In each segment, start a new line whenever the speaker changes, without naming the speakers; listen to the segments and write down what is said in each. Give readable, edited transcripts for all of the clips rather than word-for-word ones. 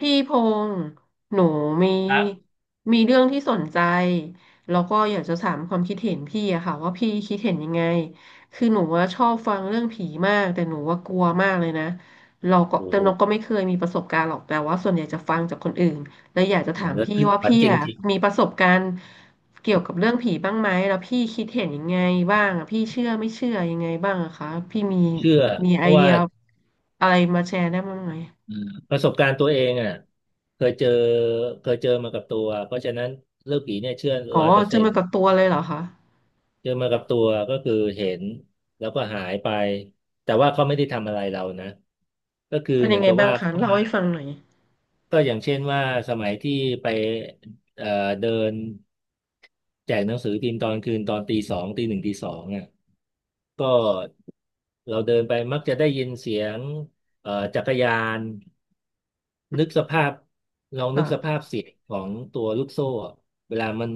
พี่พงษ์หนูมี
ครับ
มีเรื่องที่สนใจแล้วก็อยากจะถามความคิดเห็นพี่อะค่ะว่าพี่คิดเห็นยังไงคือหนูว่าชอบฟังเรื่องผีมากแต่หนูว่ากลัวมากเลยนะเราก็
โอ้
แต่
โห
เราก็ไม่เคยมีประสบการณ์หรอกแต่ว่าส่วนใหญ่จะฟังจากคนอื่นแล้วอยากจะถาม
แล้ว
พี่
คือ
ว่า
ฝัน
พี่
จ
อะ
ริง
มีประสบการณ์เกี่ยวกับเรื่องผีบ้างไหมแล้วพี่คิดเห็นยังไงบ้างอะพี่เชื่อไม่เชื่อยังไงบ้างอะคะพี่มี
ๆเชื่อ
มี
เพ
ไอ
ราะ
เดี
ว่า
ยอะไรมาแชร์ได้บ้างไหม
เอ่อประสบการณ์ตัวเองอ่ะเคยเจอเคยเจอมากับตัวเพราะฉะนั้นเรื่องผีเนี่ยเชื่อ
อ๋อ
ร้อยเปอร์
เจอ
เซ็น
มา
ต์
กับตัวเลยเหรอคะ
เจอมากับตัวก็คือเห็นแล้วก็หายไปแต่ว่าเขาไม่ได้ทำอะไรเรานะก็คือ
เป็น
เห
ยั
มือ
ง
น
ไง
กับ
บ้าง
ว่า
คะ
เขา
เล่า
มา
ให้ฟังหน่อย
ก็อย่างเช่นว่าสมัยที่ไปเอ่อเดินแจกหนังสือพิมพ์ตอนคืนตอนตีสองตีหนึ่งตีสอง ก็เราเดินไปมักจะได้ยินเสียงจักรยานนึกสภาพลองนึกส
ค่ะ
ภาพเสียงของตัวลูกโซ่อะเวลามัน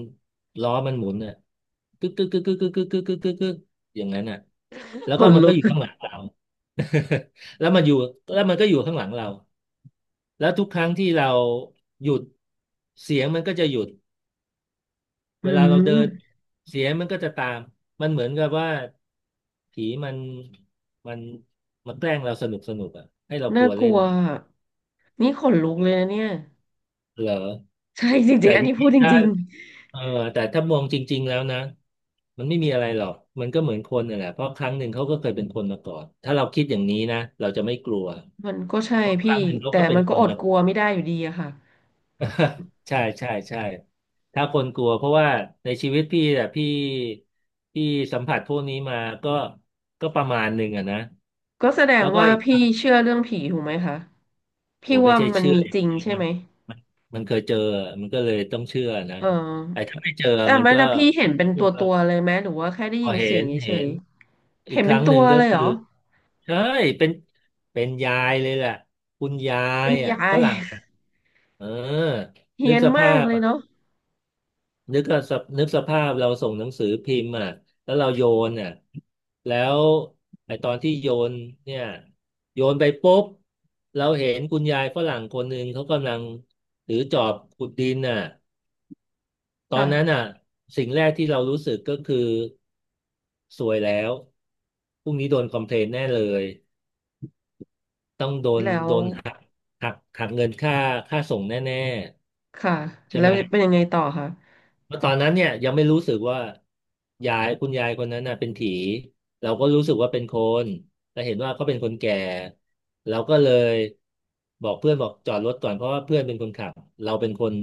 ล้อมันหมุนอ่ะกึกกึกกึกกึกกึกกึกกึกกึกกึกกึกอย่างนั้นอ่ะแล้ว
ข
ก็
น
มัน
ลุ
ก็
ก
อยู่ข้างหลังเรา แล้วมันอยู่แล้วมันก็อยู่ข้างหลังเราแล้วทุกครั้งที่เราหยุดเสียงมันก็จะหยุด
อื
เวลาเราเดิน
ม
เสียงมันก็จะตามมันเหมือนกับว่า ผีมันมันมันแกล้งเราสนุกสนุกอ่ะให้เราก
น่า
ลัว
ก
เล่
ลั
น
วอะนี่ขนลุกเลยนะเนี่ย
เหรอ
ใช่จริ
แต่
งๆอัน
จ
นี้พู
ริง
ดจ
ๆถ้า
ริง
เออแต่ถ้ามองจริงๆแล้วนะมันไม่มีอะไรหรอกมันก็เหมือนคนน่ะแหละเพราะครั้งหนึ่งเขาก็เคยเป็นคนมาก่อนถ้าเราคิดอย่างนี้นะเราจะไม่กลัว
ๆมันก็ใช่
เพราะค
พี่
รั้งหนึ่งเขา
แต่
ก็เป็น
มัน
ค
ก็
น
อด
มา
ก
ก่
ลัว
อน
ไม่ได้อยู่ดีอะค่ะ
ใช่ใช่ใช่ถ้าคนกลัวเพราะว่าในชีวิตพี่อะพี่สัมผัสพวกนี้มาก็ก็ประมาณหนึ่งอะนะ
ก็แสดง
แล้วก็
ว่า
อีก
พี่เชื่อเรื่องผีถูกไหมคะ
โอ้
พี่
ไม่
ว่า
ใช่
มัน
เชื่อ
มี
อย่า
จ
ง
ริง
เดียว
ใช่
มั
ไห
น
ม
มันมันเคยเจอมันก็เลยต้องเชื่อนะ
เอ
ไอ้
อ
ถ้าไม่เจอ
แต่
มัน
ไม่
ก็
แล้วพี่เห็
ก็
นเป็
จะ
น
พู
ตั
ด
ว
ว่า
ตัวเลยไหมหรือว่าแค่ได้
พอ
ยิน
เห็
เสียง
น
เฉ
เห็
ย
น
ๆ
อี
เห็
ก
น
ค
เป็น
รั้งห
ตั
นึ่
ว
งก็
เลย
คื
เห
อ
รอ
ใช่เป็นเป็นยายเลยแหละคุณยา
มั
ย
น
อ่ะ
ยา
ฝ
ย
รั่งอ่ะเออ
เฮี้
นึก
ยน
ส
มา
ภา
ก
พ
เลยเนาะ
นึกก็สภนึกสภาพเราส่งหนังสือพิมพ์อ่ะแล้วเราโยนอ่ะแล้วไอตอนที่โยนเนี่ยโยนไปปุ๊บ เราเห็นคุณยายฝรั่งคนหนึ่งเขากำลังถือจอบขุดดินอ่ะตอนนั้นอ่ะ
ค่ะ
สิ่งแรกที่เรารู้สึกก็คือสวยแล้วพรุ่งนี้โดนคอมเพลนแน่เลย ต้องโดน
แล้ว
โดนหักเงินค่าส่งแน่
ค่ะ
ๆใช่
แล้
ไห
ว
ม
เป็นยังไงต่อคะ
เพราะตอนนั้นเนี่ยยังไม่รู้สึกว่ายายคุณยายคนนั้นน่ะเป็นผีเราก็รู้สึกว่าเป็นคนแต่เห็นว่าเขาเป็นคนแก่เราก็เลยบอกเพื่อนบอกจอดรถก่อนเพราะว่าเพื่อนเป็นคนขับเราเป็นคน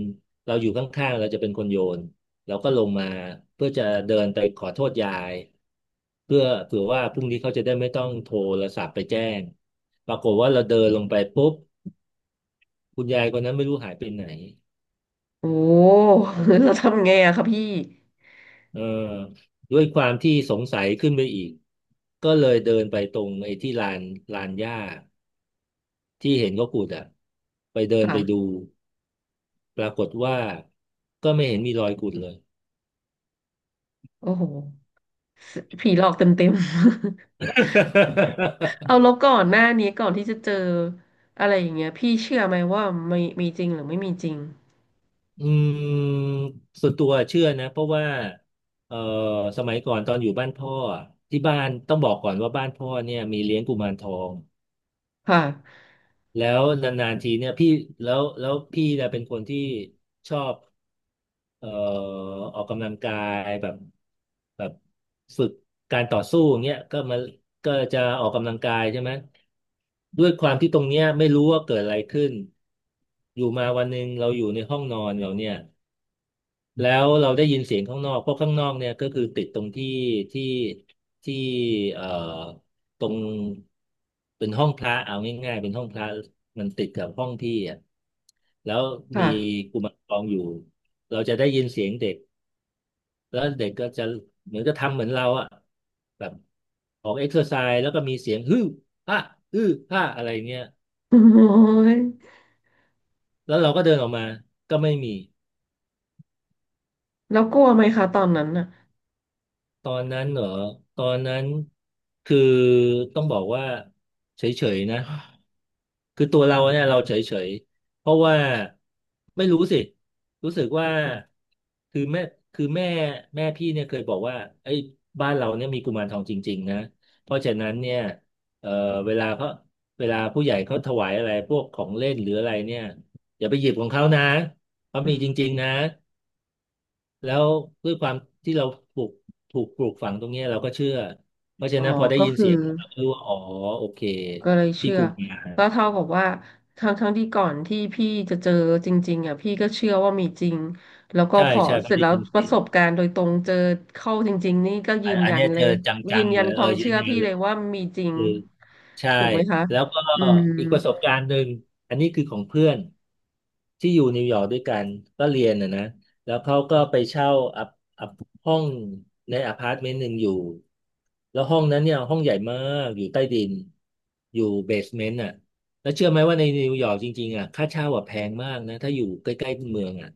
เราอยู่ข้างๆเราจะเป็นคนโยนเราก็ลงมาเพื่อจะเดินไปขอโทษยายเพื่อเผื่อว่าพรุ่งนี้เขาจะได้ไม่ต้องโทรศัพท์ไปแจ้งปรากฏว่าเราเดินลงไปปุ๊บคุณยายคนนั้นไม่รู้หายไปไหน
โอ้ เราทำไงอะคะพี่
เออด้วยความที่สงสัยขึ้นไปอีก ก็เลยเดินไปตรงไอ้ที่ลานหญ้าที่เห็นเขาขุดอ่ะไปเดินไปดู
ค่ะ
ปรากฏว่าก็ไม่เห็นมีรอยขุดเลย
โอ้โหสผีหลอกเต็ม เอา แล้วก่อนหน้านี้ก่อนที่จะเจออะไรอย่างเงี้ยพี่เชื่อไหมว่ามีจริงหรือไม่มีจริง
อืมส่วนตัวเชื่อนะเพราะว่าเอ่อสมัยก่อนตอนอยู่บ้านพ่ออะที่บ้านต้องบอกก่อนว่าบ้านพ่อเนี่ยมีเลี้ยงกุมารทอง
ค่ะ
แล้วนานๆทีเนี่ยพี่แล้วแล้วพี่เนี่ยเป็นคนที่ชอบ เอ่อออกกำลังกายแบบฝึกการต่อสู้อย่างเงี้ยก็มาก็จะออกกำลังกายใช่ไหมด้วยความที่ตรงเนี้ยไม่รู้ว่าเกิดอะไรขึ้นอยู่มาวันหนึ่งเราอยู่ในห้องนอนเราเนี่ยแล้วเราได้ยินเสียงข้างนอกเพราะข้างนอกเนี่ยก็คือติดตรงที่ที่ที่เอ่อตรงเป็นห้องพระเอาง่ายๆเป็นห้องพระมันติดกับห้องพี่อ่ะแล้วมี
ค่ะ
กุมารทองอยู่เราจะได้ยินเสียงเด็ก แล้วเด็กก็จะเหมือนจะทำเหมือนเราอะแบบออกเอ็กซ์ s ซอร์ไซส์แล้วก็มีเสียงฮือฮาฮือฮาอะไรเงี้ย
โอ้ย
แล้วเราก็เดินออกมาก็ไม่มี
แล้วกลัวไหมคะตอนนั้นน่ะ
ตอนนั้นเหรอตอนนั้นคือต้องบอกว่าเฉยๆนะคือตัวเราเนี่ยเราเฉยๆเพราะว่าไม่รู้สิรู้สึกว่าคือแม่คือแม่แม่พี่เนี่ยเคยบอกว่าไอ้ยบ้านเราเนี่ยมีกุมารทองจริงๆนะเพราะฉะนั้นเนี่ยเอ่อเวลาเขาเวลาผู้ใหญ่เขาถวายอะไรพวกของเล่นหรืออะไรเนี่ยอย่าไปหยิบของเขานะเขา
อื
มี
ม
จริงๆนะ แล้วด้วยความที่เราปลูกถูกปลูกฝังตรงเนี้ยเราก็เชื่อเพราะฉะ
อ๋อ
นั้นพอได้
ก็
ยิน
คือ
เสียงเราก็รู้ว่าอ๋อโอเค
ก็เลย
ที่
เชื่
ก
อ
รุงมา
ก็เท่ากับว่าทั้งที่ก่อนที่พี่จะเจอจริงๆอ่ะพี่ก็เชื่อว่ามีจริงแล้วก็
ใช่
พอ
ใช่พ
เส
อ
ร็จ
ได้
แล้ว
ยิน
ป
เสี
ระ
ย
ส
ง
บการณ์โดยตรงเจอเข้าจริงๆนี่ก็ยื
อัน
น
อัน
ยั
เนี้
น
ย
เล
เจอ
ย
จั
ยืน
งๆ
ยั
เล
น
ย
ค
เอ
วา
อ
ม
ยื
เชื่
น
อ
ยัน
พี่
เล
เล
ย
ยว่ามีจริง
คือใช่
ถูกไหมคะ
แล้วก็
อืม
อีกประสบการณ์หนึ่งอันนี้คือของเพื่อนที่อยู่นิวยอร์กด้วยกันก็เรียนนะแล้วเขาก็ไปเช่าอัพอัพห้องในอพาร์ตเมนต์หนึ่งอยู่แล้วห้องนั้นเนี่ยห้องใหญ่มากอยู่ใต้ดินอยู่เบสเมนต์อ่ะแล้วเชื่อไหมว่าในนิวยอร์กจริงๆอ่ะค่าเช่าอ่ะแพงมากนะถ้าอยู่ใกล้ๆเมืองอ่ะ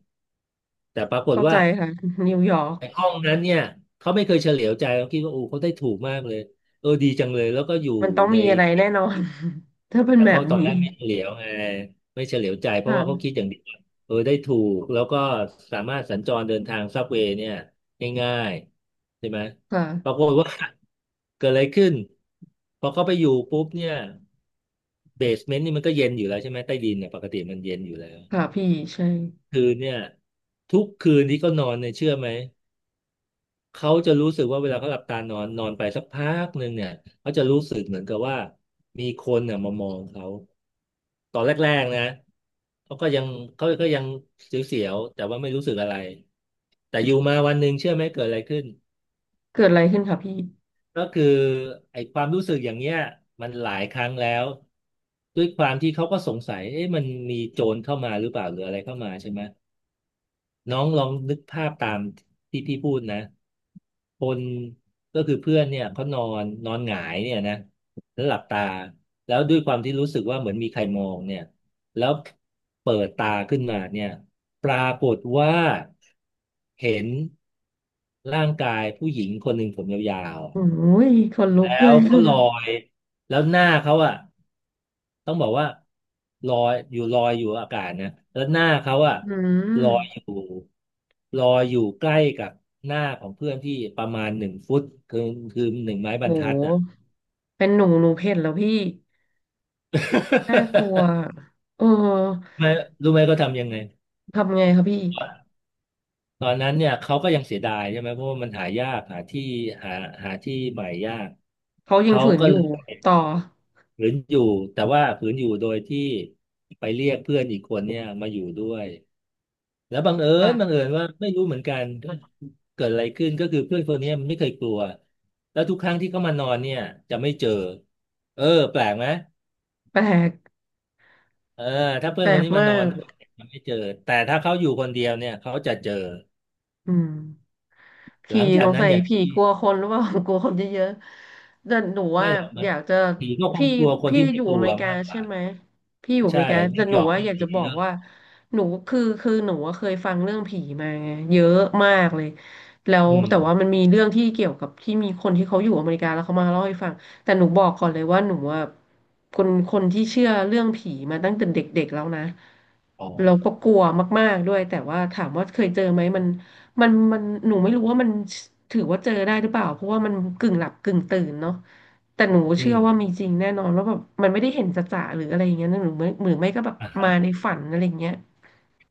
แต่ปรากฏ
เข้าใจ
ว่า
ค่ะนิวยอร์ก
ไอ่ห้องนั้นเนี่ยเขาไม่เคยเฉลียวใจเขาคิดว่าโอ้เขาได้ถูกมากเลยเออดีจังเลยแล้วก็อยู่
มันต้อง
ใน
มีอะไรแน่นอน ถ้าเป็น
แต่
แบ
เขา
บ
ตอน
นี้
แรกไม่เฉลียวไงไม่เฉลียวใจเพราะว่าเขา
ค่ะ
คิดอย่างเดียวว่าเออได้ถูกแล้วก็สามารถสัญจรเดินทางซับเวย์เนี่ยง่ายๆใช่ไหม
ค่ะ
ปรากฏว่า เกิดอะไรขึ้นพอเขาไปอยู่ปุ๊บเนี่ยเบสเมนต์นี่มันก็เย็นอยู่แล้วใช่ไหมใต้ดินเนี่ยปกติมันเย็นอยู่แล้ว
ค่ะพี่ใช่
คืนเนี่ยทุกคืนที่เขานอนเนี่ยเชื่อไหม เขาจะรู้สึกว่าเวลาเขาหลับตานอนนอนไปสักพักหนึ่งเนี่ยเขาจะรู้สึกเหมือนกับว่ามีคนเนี่ยมามองเขาตอนแรกๆนะเขาก็ยังเขาก็ยังเสียวๆแต่ว่าไม่รู้สึกอะไรแต่อยู่มาวันหนึ่งเชื่อไหมเกิดอะไรขึ้น
เกิดอะไรขึ้นคะพี่
ก็คือไอ้ความรู้สึกอย่างเงี้ยมันหลายครั้งแล้วด้วยความที่เขาก็สงสัยเอ๊ะมันมีโจรเข้ามาหรือเปล่าหรืออะไรเข้ามาใช่ไหม น้องลองนึกภาพตามที่พี่พูดนะคนก็คือเพื่อนเนี่ยเขานอนนอนหงายเนี่ยนะแล้วหลับตาแล้วด้วยความที่รู้สึกว่าเหมือนมีใครมองเนี่ยแล้วเปิดตาขึ้นมาเนี่ยปรากฏว่าเห็นร่างกายผู้หญิงคนหนึ่งผมยาวๆ
โอ้ยขนลุก
แล้
เล
ว
ย
เขาลอยแล้วหน้าเขาอะต้องบอกว่าลอยอยู่อากาศนะแล้วหน้าเขาอะ
อืม
ลอยอยู่ลอยอยู่ใกล้กับหน้าของเพื่อนที่ประมาณหนึ่งฟุตคือคือหนึ่งไม้บ
โห
รรทัดอ่ะ
เป็นหนูเห็นแล้วพี่น่ากลัว เออ
ไม่รู้ไหมเขาทำยังไง
ทำไงคะพี่
ตอนนั้นเนี่ยเขาก็ยังเสียดายใช่ไหมเพราะว่ามันหายากหาที่หาหาที่ใหม่ยาก
เขายัง
เขา
ฝืน
ก็
อ
เล
ยู่
ย
ต่อ
ฝืนอยู่แต่ว่าฝืนอยู่โดยที่ไปเรียกเพื่อนอีกคนเนี่ยมาอยู่ด้วยแล้วบังเอิญบัง
ค่ะ
เอิญว่าไม่รู้เหมือนกันก็เกิดอะไรขึ้นก็คือเพื่อนคนเนี้ยมันไม่เคยกลัวแล้วทุกครั้งที่เขามานอนเนี่ยจะไม่เจอเออแปลกไหม
แปลก
เออถ้าเพื่
แป
อน
ล
คน
ก
นี้มาน
มา
อน
ก
ด้วยมันไม่เจอแต่ถ้าเขาอยู่คนเดียวเนี่ยเขาจะเจอ
อืม
ห
ผี
ลังจา
ส
ก
ง
นั้น
สัย
อย่าง
ผี
ที่
กลัวคนหรือเปล่า กลัวคนเยอะๆแต่หนู
ไม่
ว่า
หรอกมั
อ
น
ยากจะ
ผีก็คง
พี่
กลัวคน
พี่
ที่
อ
ไม่
ยู่
ก
อ
ลั
เม
ว
ริกา
มากก
ใช่
ว่า
ไหมพี่อยู่อ
ใช่
เมริกา
ไม่
แต่ห
ย
นู
อม
ว่า
ให้
อยาก
ผี
จะบอ
เย
ก
อะ
ว่าหนูคือหนูว่าเคยฟังเรื่องผีมาไงเยอะมากเลยแล้ว
อื
แต่ว่ามั
ม
นมีเรื่องที่เกี่ยวกับที่มีคนที่เขาอยู่อเมริกาแล้วเขามาเล่าให้ฟังแต่หนูบอกก่อนเลยว่าหนูว่าคนที่เชื่อเรื่องผีมาตั้งแต่เด็กๆแล้วนะ
อ๋อ
เราก็กลัวมากๆด้วยแต่ว่าถามว่าเคยเจอไหมมัน มันหนูไม่รู้ว่ามันถือว่าเจอได้หรือเปล่าเพราะว่ามันกึ่งหลับกึ่งตื่นเนาะแต่หนู
อื
เชื่อ
ม
ว่ามีจริงแน่นอนว่าแบบมันไม่ได้เห็นจะๆหรืออะไรอย่างเงี้ยนะหรือไม่ก็แบบมาใน
อ่ะ
ฝันอะไรอย่างเงี้ย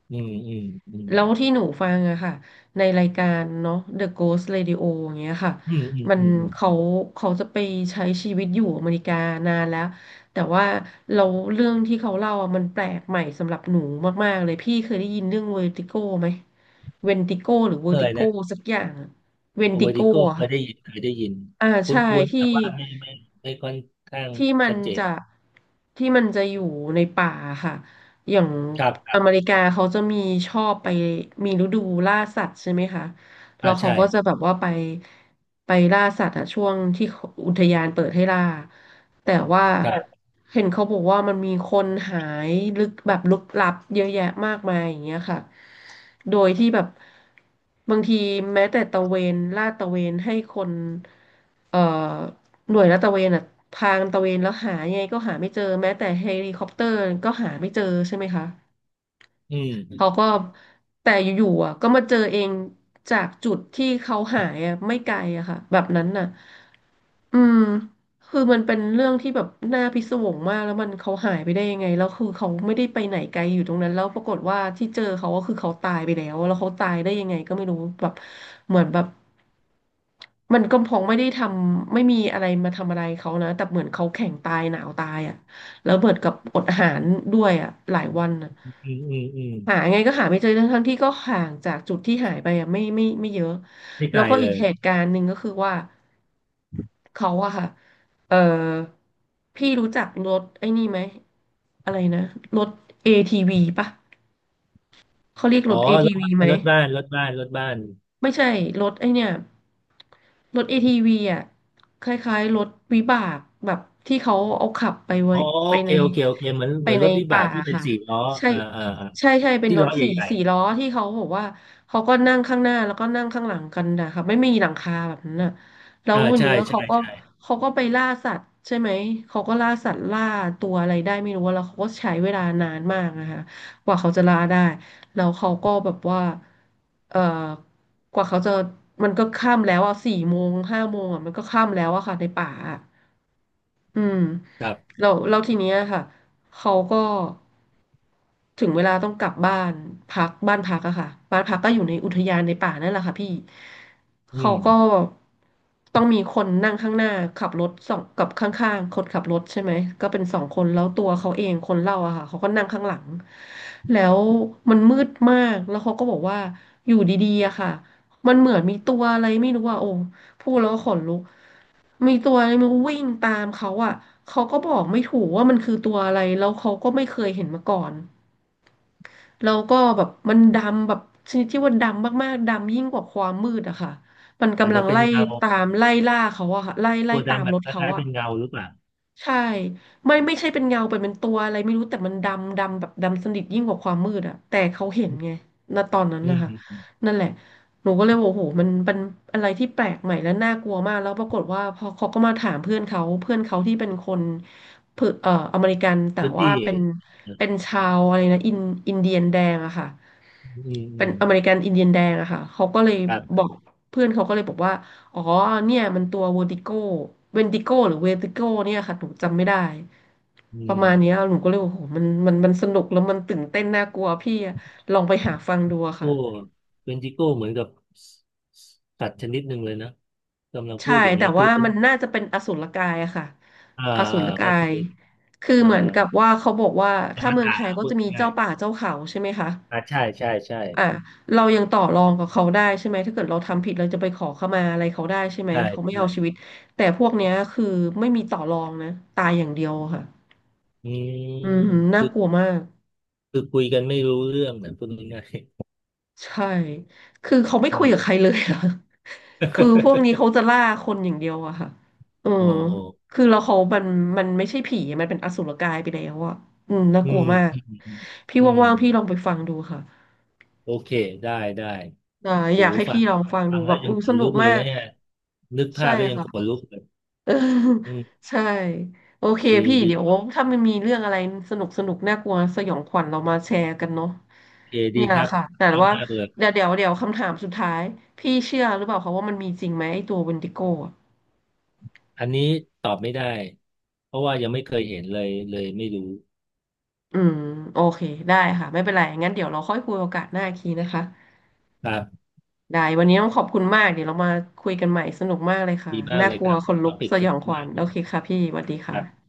อืมอืมอืม
แล้วที่หนูฟังอะค่ะในรายการเนาะ The Ghost Radio อย่างเงี้ยค่ะ
อืมอืม
มัน
อืมอื
เขา
ม
เขาจะไปใช้ชีวิตอยู่อเมริกานานแล้วแต่ว่าเราเรื่องที่เขาเล่าอะมันแปลกใหม่สำหรับหนูมากๆเลยพี่เคยได้ยินเรื่องเวอร์ติโกไหมเวนติโกหรือเวอ
เค
ร์ติ
ย
โก
นะ
สักอย่างเวน
โอ
ติ
เวอร์
โก
ดิโก้
อะ Vertigo อะ
เคยได้
ค่ะ
ยิน
อ่า
คุ
ใช่
้นๆ
ที่
แต่ว่าไม่ค่อนข้าง
ที่มัน
ชัดเจน
จะที่มันจะอยู่ในป่าค่ะอย่าง
ครับครั
อเม
บ
ริกาเขาจะมีชอบไปมีฤดูล่าสัตว์ใช่ไหมคะแล้
อ่า
วเขา
ใช่
ก็จะแบบว่าไปล่าสัตว์อะช่วงที่อุทยานเปิดให้ล่าแต่ว่า
ครับ
เห็นเขาบอกว่ามันมีคนหายลึกแบบลึกลับเยอะแยะมากมายอย่างเงี้ยค่ะโดยที่แบบบางทีแม้แต่ตระเวนลาดตระเวนให้คนเอ่อ หน่วยลาดตระเวนอ่ะพางตระเวนแล้วหายังไงก็หาไม่เจอแม้แต่เฮลิคอปเตอร์ก็หาไม่เจอใช่ไหมคะ
อื
เขา
ม
ก็แต่อยู่ๆอ่ะก็มาเจอเองจากจุดที่เขาหายอ่ะไม่ไกลอะค่ะแบบนั้นน่ะอืมคือมันเป็นเรื่องที่แบบน่าพิศวงมากแล้วมันเขาหายไปได้ยังไงแล้วคือเขาไม่ได้ไปไหนไกลอยู่ตรงนั้นแล้วปรากฏว่าที่เจอเขาก็คือเขาตายไปแล้วแล้วเขาตายได้ยังไงก็ไม่รู้แบบเหมือนแบบ มันก็คงไม่ได้ทำไม่มีอะไรมาทำอะไรเขานะแต่เหมือนเขาแข่งตายหนาวตายอ่ะแล้วเบิดกับอดอาหารด้วยอ่ะหลายวันอ่ะ
อืมอืมอืม
หาไงก็หาไม่เจอทั้งทงที่ก็ห่างจากจุดที่หายไปอ่ะไม่เยอะ
ไม่ไก
แล้
ล
วก็
เล
อีก
ย
เหตุการณ์หนึ่งก็คือว่าเขาอะค่ะเออพี่รู้จักรถไอ้นี่ไหมอะไรนะรถ ATV ปะเขาเรียกร
อ๋อ
ถ
รถ
ATV
บ้า
ไหม
นรถบ้านรถบ้านรถบ้าน
ไม่ใช่รถไอเนี่ยรถเอที t ีอ่ะคล้ายๆรถวิบากแบบที่เขาเอาขับไปไว้
อ๋อ
ไป
โอเค
ใน
โอเคโอเคเหมือน
ไป
เหมือน
ใน
รถวิบา
ป่า
กที่เป็น
ค่ะ
สี่ล้อ
ใช่
อ่าอ่าอ่า
ใช่ใช่เป็น
ที่
ร
ล้อ
ถสี่
ใหญ่
สี่ล้อที่เขาบอกว่าเขาก็นั่งข้างหน้าแล้วก็นั่งข้างหลังกันนะคะไม่มีหลังคาแบบนั้นน่ะแล้
ๆ
ว
อ่า
วัน
ใช่
นี้เขา
ใช่
ก็
ใช่
เขาก็ไปล่าสัตว์ใช่ไหมเขาก็ล่าสัตว์ล่าตัวอะไรได้ไม่รู้แล้วเขาก็ใช้เวลานานมากนะคะกว่าเขาจะล่าได้ แล้วเขาก็แบบว่าเอ่อกว่าเขาจะมันก็ค่ำแล้วอ่ะสี่โมงห้าโมงอ่ะมันก็ค่ำแล้วอะค่ะในป่าอะ อืม
ครับ
แล้วทีเนี้ยค่ะเขาก็ถึงเวลาต้องกลับบ้านพักบ้านพักอะค่ะบ้านพักก็อยู่ในอุทยานในป่านั่นแหละค่ะพี่
อื
เขา
ม
ก็ต้องมีคนนั่งข้างหน้าขับรถสองกับข้างๆคนขับรถใช่ไหมก็เป็นสองคนแล้วตัวเขาเองคนเล่าอะค่ะเขาก็นั่งข้างหลังแล้วมันมืดมากแล้วเขาก็บอกว่าอยู่ดีๆอะค่ะมันเหมือนมีตัวอะไรไม่รู้ว่าโอ้ พูดแล้วก็ขนลุกมีตัวอะไรไมันวิ่งตามเขาอ่ะเขาก็บอกไม่ถูกว่ามันคือตัวอะไร แล้วเขาก็ไม่เคยเห็นมาก่อน แล้วก็แบบมันดำแบบชนิดที่ว่าดำมากๆดำยิ่งกว่าความมืดอะค่ะ มัน
อาจ
กำลั
จะ
ง
เป็น
ไล่
เงา
ตามไล่ล่าเขาอะค่ะไล่ไล่
ตัว
ตา
ดำ
ม
แบ
ร
บ
ถ
ค
เขา
ล้ายๆ
อะ
เป็นเงาหรือเปล่า
ใช่ไม่ใช่เป็นเงาเป็นตัวอะไรไม่รู้แต่มันดำแบบดำสนิทยิ่งกว่าความมืดอะแต่เขาเห็น
อ
ไงณตอนนั้น
ื
นะ
ม
คะ
อืมอืม
นั่นแหละหนูก็เลยบอกโอ้โหมันเป็นอะไรที่แปลกใหม่และน่ากลัวมากแล้วปรากฏว่าพอเขาก็มาถามเพื่อนเขาเพื่อนเขาที่เป็นคนเพื่ออเมริกันแต่
พื้น
ว่า
ที่
เป็นชาวอะไรนะอินเดียนแดงอะค่ะ
อืมอื
เป็น
ม
อเมริกันอินเดียนแดงอะค่ะเขาก็เลย
ครั
บอ
บ
กเพื่อนเขาก็เลยบอกว่าอ๋อเนี่ยมันตัวเวอร์ติโกเวนติโกหรือเวอร์ติโกเนี่ยค่ะหนูจำไม่ได้
อื
ประมาณเนี้ย
ม
หนูก็เลยโอ้โหมันสนุกแล้วมันตื่นเต้นน่ากลัวพี่อะลองไปหาฟังดูอะ
โอ้
ค่ะ
เป็นจิโก้เหมือนกับสสสัตว์ชนิดหนึ่งเลยนะกำลังพู
ใช่
ดอย่าง
แต่
เงี้ยคือ
ว่า
เป็น
มันน่าจะเป็นอสูรกายอะค่ะ
อ่า
อสู
อ่า
ร
ก็
กาย
คือ
คือ
เอ่อ
เหมือนกับว่าเขาบอกว่า
อ
ถ้า
ว
เมือง
ตา
ไท
ร
ยก็
พู
จะ
ด
มี
ง่า
เจ้า
ย
ป่าเจ้าเขาใช่ไหมคะ
อ่า
อ่ะเรายังต่อรองกับเขาได้ใช่ไหมถ้าเกิดเราทำผิดเราจะไปขอขมาอะไรเขาได้ใช่ไหม
ใช่
เขาไม่
ใช่
เอาชีวิตแต่พวกเนี้ยคือไม่มีต่อรองนะตายอย่างเดียวค่ะ
อื
อืมน่า
ม
กลัวมาก
คือคุยกันไม่รู้เรื่องนะพูดง่าย
ใช่คือเขาไม่
ๆอื
คุย
ม
กับใครเลยอะ คือพวกนี้เขา จะล่าคนอย่างเดียวอะค่ะเออ
โอ้โอ้
คือแล้วเขามันไม่ใช่ผีมันเป็นอสุรกายไปแล้วอะอืมน่า
อื
กลัว
ม
มาก
อืมอืม
พี่
อืม
ว่างๆพี่ลองไปฟังดูค่ะ
โอเคได้ได้
อ่า
โห
อยากให้
ฟั
พี่
ง
ลองฟัง
ฟั
ดู
ง
แบ
แล้ว
บ
ยั
อื
ง
ม
ข
ส
น
นุ
ลุ
ก
กเล
มา
ย
ก
นะเนี่ยนึกภา
ใช่
พแล้วยัง
ค่ะ
ขนลุกเลย
เออ
อืม
ใช่โอเค
ดี
พี่
ดี
เดี๋ยวถ้ามันมีเรื่องอะไรสนุกน่ากลัวสยองขวัญเรามาแชร์กันเนาะ
เอดี
เนี่ย
ค
แห
รั
ละ
บ
ค่ะแต่
ชอบ
ว่า
หน้าเบือก
เดี๋ยวคำถามสุดท้ายพี่เชื่อหรือเปล่าคะว่ามันมีจริงไหมไอ้ตัวเวนติโก้อะ
อันนี้ตอบไม่ได้เพราะว่ายังไม่เคยเห็นเลยเลยไม่รู้
อืมโอเคได้ค่ะไม่เป็นไรงั้นเดี๋ยวเราค่อยคุยโอกาสหน้าอีกทีนะคะ
ครับ
ได้วันนี้ต้องขอบคุณมากเดี๋ยวเรามาคุยกันใหม่สนุกมากเลยค่ะ
ดีมาก
น่า
เลย
กลั
ค
ว
รับ
ขน
ท็
ลุ
อ
ก
ปิก
ส
ส
ยอ
นุ
ง
ก
ขวั
มา
ญ
กเล
โอ
ย
เคค่ะพี่สวัสดี
ค
ค่ะ
รับ